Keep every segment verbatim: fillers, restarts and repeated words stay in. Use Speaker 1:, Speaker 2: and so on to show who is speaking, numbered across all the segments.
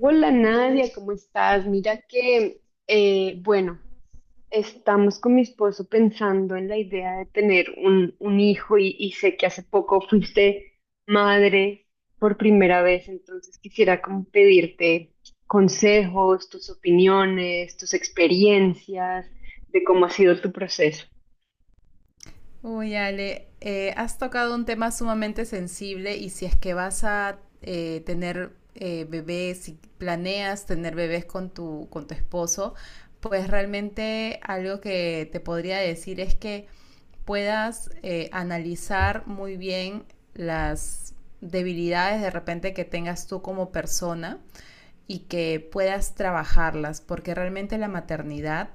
Speaker 1: Hola Nadia, ¿cómo estás? Mira que, eh, bueno, estamos con mi esposo pensando en la idea de tener un, un hijo y, y sé que hace poco fuiste madre por primera vez, entonces quisiera como pedirte consejos, tus opiniones, tus experiencias de cómo ha sido tu proceso.
Speaker 2: Uy, Ale, eh, has tocado un tema sumamente sensible y si es que vas a eh, tener eh, bebés, si planeas tener bebés con tu, con tu esposo, pues realmente algo que te podría decir es que puedas eh, analizar muy bien las debilidades de repente que tengas tú como persona y que puedas trabajarlas, porque realmente la maternidad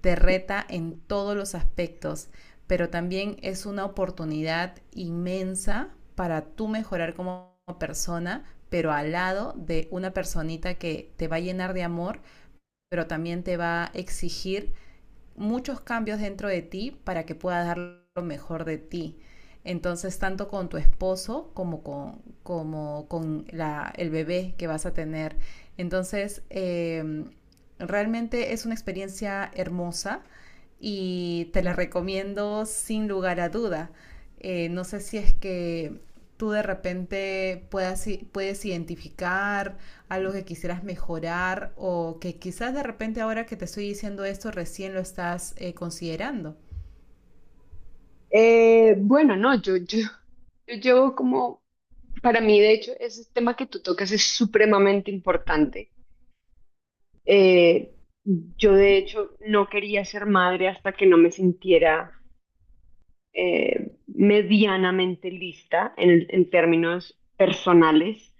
Speaker 2: te reta en todos los aspectos, pero también es una oportunidad inmensa para tú mejorar como persona, pero al lado de una personita que te va a llenar de amor, pero también te va a exigir muchos cambios dentro de ti para que puedas dar lo mejor de ti. Entonces, tanto con tu esposo como con, como con la, el bebé que vas a tener. Entonces, eh, realmente es una experiencia hermosa y te la recomiendo sin lugar a duda. Eh, no sé si es que tú de repente puedas, puedes identificar algo que quisieras mejorar o que quizás de repente ahora que te estoy diciendo esto recién lo estás eh, considerando.
Speaker 1: Eh, bueno, no, yo, yo, yo llevo como, para mí de hecho, ese tema que tú tocas es supremamente importante. Eh, yo de hecho no quería ser madre hasta que no me sintiera eh, medianamente lista en, el- en términos personales,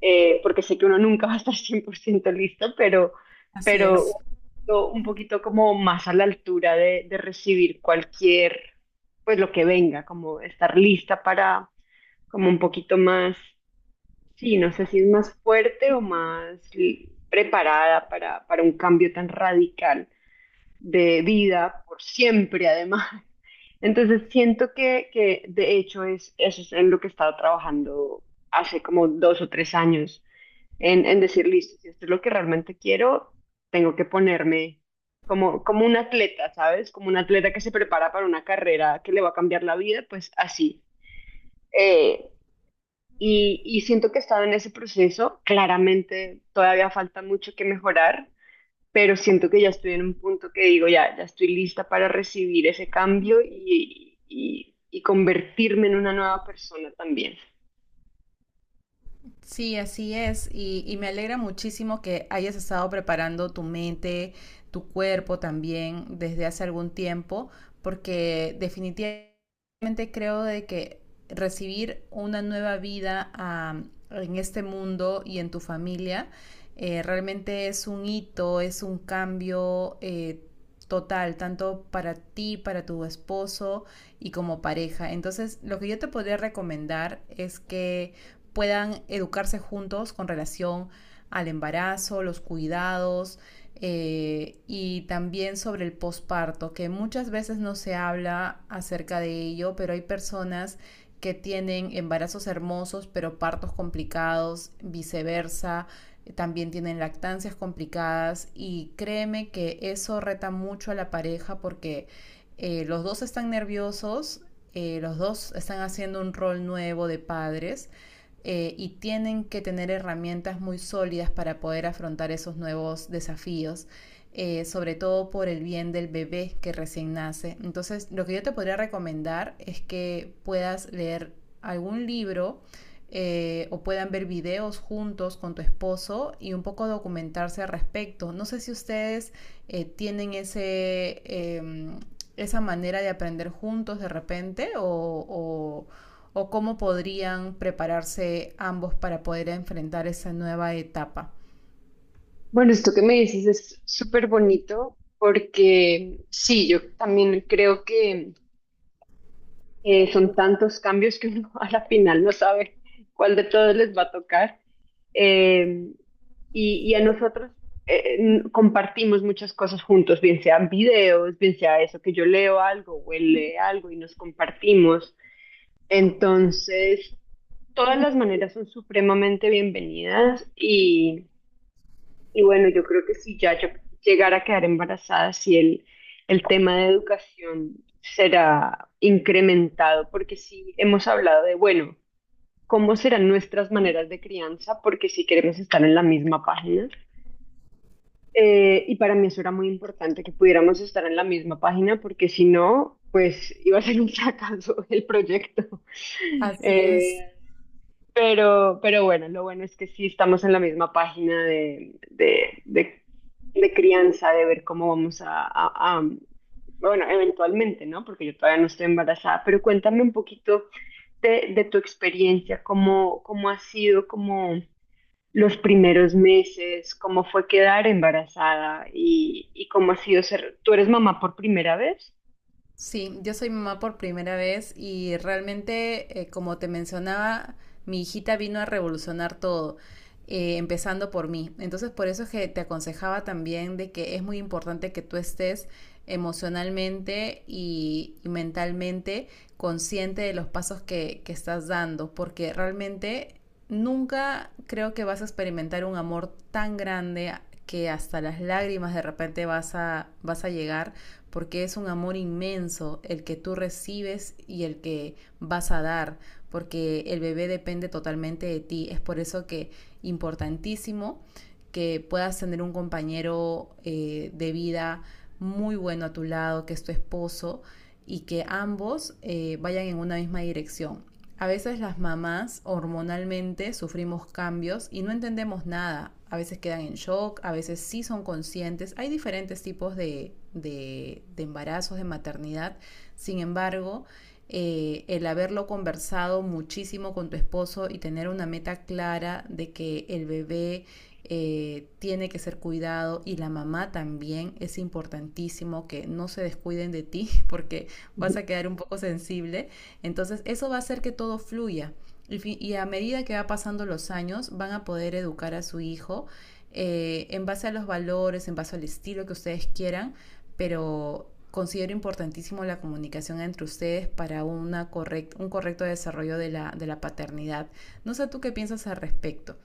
Speaker 1: eh, porque sé que uno nunca va a estar cien por ciento lista, pero,
Speaker 2: Así
Speaker 1: pero
Speaker 2: es.
Speaker 1: yo un poquito como más a la altura de, de recibir cualquier, pues lo que venga, como estar lista para como un poquito más, sí, no sé si es más fuerte o más... li- preparada para, para un cambio tan radical de vida por siempre, además. Entonces siento que, que de hecho es, eso es en lo que he estado trabajando hace como dos o tres años, en, en decir, listo, si esto es lo que realmente quiero, tengo que ponerme como, como un atleta, ¿sabes? Como un atleta que se prepara para una carrera que le va a cambiar la vida, pues así. Eh, y, y siento que he estado en ese proceso, claramente todavía falta mucho que mejorar, pero siento que ya estoy en un punto que digo, ya, ya estoy lista para recibir ese cambio y, y, y convertirme en una nueva persona también.
Speaker 2: Sí, así es. Y, y me alegra muchísimo que hayas estado preparando tu mente, tu cuerpo también desde hace algún tiempo, porque definitivamente creo de que recibir una nueva vida ah, en este mundo y en tu familia eh, realmente es un hito, es un cambio eh, total, tanto para ti, para tu esposo y como pareja. Entonces, lo que yo te podría recomendar es que puedan educarse juntos con relación al embarazo, los cuidados eh, y también sobre el posparto, que muchas veces no se habla acerca de ello, pero hay personas que tienen embarazos hermosos pero partos complicados, viceversa, también tienen lactancias complicadas y créeme que eso reta mucho a la pareja porque eh, los dos están nerviosos, eh, los dos están haciendo un rol nuevo de padres eh, y tienen que tener herramientas muy sólidas para poder afrontar esos nuevos desafíos. Eh, sobre todo por el bien del bebé que recién nace. Entonces, lo que yo te podría recomendar es que puedas leer algún libro eh, o puedan ver videos juntos con tu esposo y un poco documentarse al respecto. No sé si ustedes eh, tienen ese, eh, esa manera de aprender juntos de repente o, o o cómo podrían prepararse ambos para poder enfrentar esa nueva etapa.
Speaker 1: Bueno, esto que me dices es súper bonito porque sí, yo también creo que... Eh, son tantos cambios que uno a la final no sabe cuál de todos les va a tocar. Eh, y, y a nosotros eh, n- compartimos muchas cosas juntos, bien sean videos, bien sea eso, que yo leo algo o él lee algo y nos compartimos. Entonces, todas las maneras son supremamente bienvenidas y bueno, yo creo que si ya yo llegara a quedar embarazada, si el, el tema de educación será incrementado, porque sí hemos hablado de, bueno, cómo serán nuestras maneras de crianza, porque si queremos estar en la misma página, eh, y para mí eso era muy importante que pudiéramos estar en la misma página, porque si no, pues iba a ser un fracaso el proyecto.
Speaker 2: Así
Speaker 1: Eh,
Speaker 2: es.
Speaker 1: pero, pero bueno, lo bueno es que sí estamos en la misma página de, de, de, de crianza, de ver cómo vamos a, a- a- bueno, eventualmente, ¿no? Porque yo todavía no estoy embarazada, pero cuéntame un poquito de, de tu experiencia, cómo, cómo ha sido como los primeros meses, cómo fue quedar embarazada y, y cómo ha sido ser, ¿tú eres mamá por primera vez?
Speaker 2: Sí, yo soy mamá por primera vez y realmente, eh, como te mencionaba, mi hijita vino a revolucionar todo, eh, empezando por mí. Entonces, por eso es que te aconsejaba también de que es muy importante que tú estés emocionalmente y, y mentalmente consciente de los pasos que, que estás dando, porque realmente nunca creo que vas a experimentar un amor tan grande que hasta las lágrimas de repente vas a, vas a llegar porque es un amor inmenso el que tú recibes y el que vas a dar, porque el bebé depende totalmente de ti. Es por eso que importantísimo que puedas tener un compañero eh, de vida muy bueno a tu lado, que es tu esposo, y que ambos eh, vayan en una misma dirección. A veces las mamás hormonalmente sufrimos cambios y no entendemos nada. A veces quedan en shock, a veces sí son conscientes. Hay diferentes tipos de, de, de embarazos, de maternidad. Sin embargo, eh, el haberlo conversado muchísimo con tu esposo y tener una meta clara de que el bebé eh, tiene que ser cuidado y la mamá también es importantísimo que no se descuiden de ti porque
Speaker 1: Ujú.
Speaker 2: vas a quedar un poco sensible entonces eso va a hacer que todo fluya. Y, a medida que va pasando los años, van a poder educar a su hijo eh, en base a los valores, en base al estilo que ustedes quieran, pero considero importantísimo la comunicación entre ustedes para una correct, un correcto desarrollo de la, de la paternidad. No sé tú qué piensas al respecto.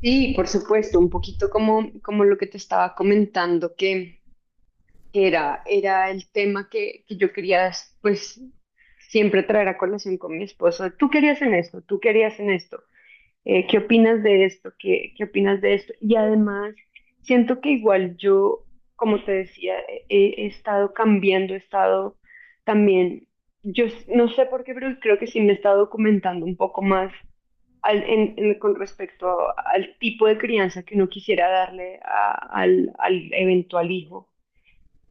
Speaker 1: Sí, por supuesto, un poquito como, como lo que te estaba comentando, que que era, era el tema que, que yo quería, pues, siempre traer a colación con mi esposo. Tú querías en esto, tú querías en esto. Eh, ¿qué opinas de esto? ¿Qué, qué opinas de esto? Y además, siento que igual yo, como te decía, he, he estado cambiando, he estado también, yo s- no sé por qué, pero creo que sí me he estado documentando un poco más al- en- en- con respecto al tipo de crianza que uno quisiera darle a- al al eventual hijo,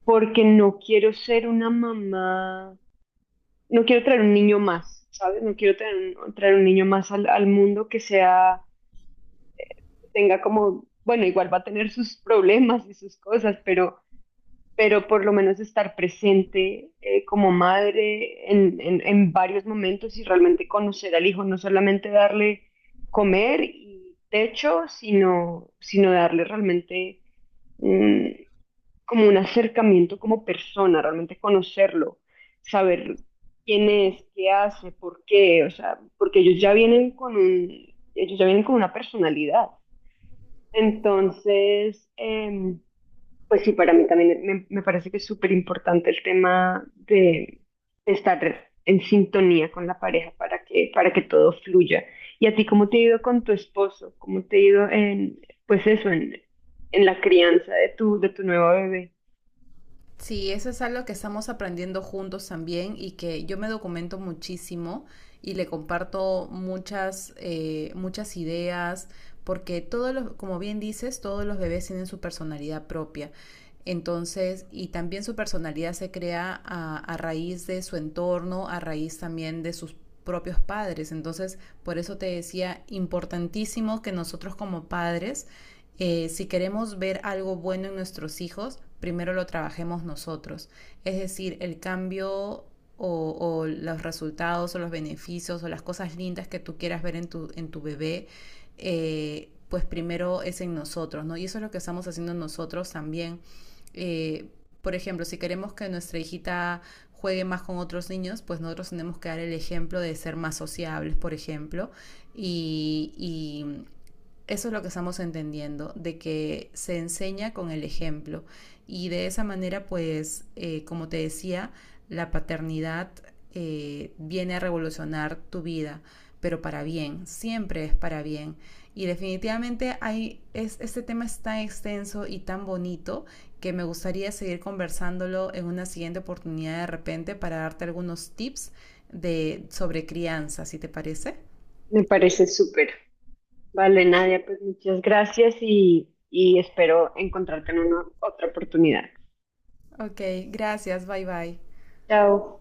Speaker 1: porque no quiero ser una mamá, no quiero traer un niño más, ¿sabes? No quiero traer un, traer un niño más al, al mundo que sea, que tenga como, bueno, igual va a tener sus problemas y sus cosas, pero, pero por lo menos estar presente eh, como madre en, en, en varios momentos y realmente conocer al hijo, no solamente darle comer y techo, sino, sino darle realmente mm, como un acercamiento como persona, realmente conocerlo, saber quién es, qué hace, por qué, o sea, porque ellos ya vienen con un, ellos ya vienen con una personalidad. Entonces, em, pues sí, para mí también me, me parece que es súper importante el tema de estar en sintonía con la pareja para que, para que todo fluya. ¿Y a ti cómo te ha ido con tu esposo? ¿Cómo te ha ido en, pues eso, en, en la crianza de tu, de tu nuevo bebé?
Speaker 2: Sí, eso es algo que estamos aprendiendo juntos también y que yo me documento muchísimo y le comparto muchas, eh, muchas ideas, porque todos los, como bien dices, todos los bebés tienen su personalidad propia. Entonces, y también su personalidad se crea a, a raíz de su entorno, a raíz también de sus propios padres. Entonces, por eso te decía, importantísimo que nosotros como padres eh, si queremos ver algo bueno en nuestros hijos, primero lo trabajemos nosotros. Es decir, el cambio o, o, los resultados o los beneficios o las cosas lindas que tú quieras ver en tu, en tu bebé, eh, pues primero es en nosotros, ¿no? Y eso es lo que estamos haciendo nosotros también. Eh, por ejemplo, si queremos que nuestra hijita juegue más con otros niños, pues nosotros tenemos que dar el ejemplo de ser más sociables, por ejemplo, y, y eso es lo que estamos entendiendo, de que se enseña con el ejemplo y de esa manera, pues, eh, como te decía, la paternidad eh, viene a revolucionar tu vida, pero para bien, siempre es para bien. Y definitivamente hay, es, este tema es tan extenso y tan bonito que me gustaría seguir conversándolo en una siguiente oportunidad de repente para darte algunos tips de, sobre crianza, si te parece.
Speaker 1: Me parece súper. Vale, Nadia, pues muchas gracias y, y espero encontrarte en una otra oportunidad.
Speaker 2: Ok, gracias, bye bye.
Speaker 1: Chao.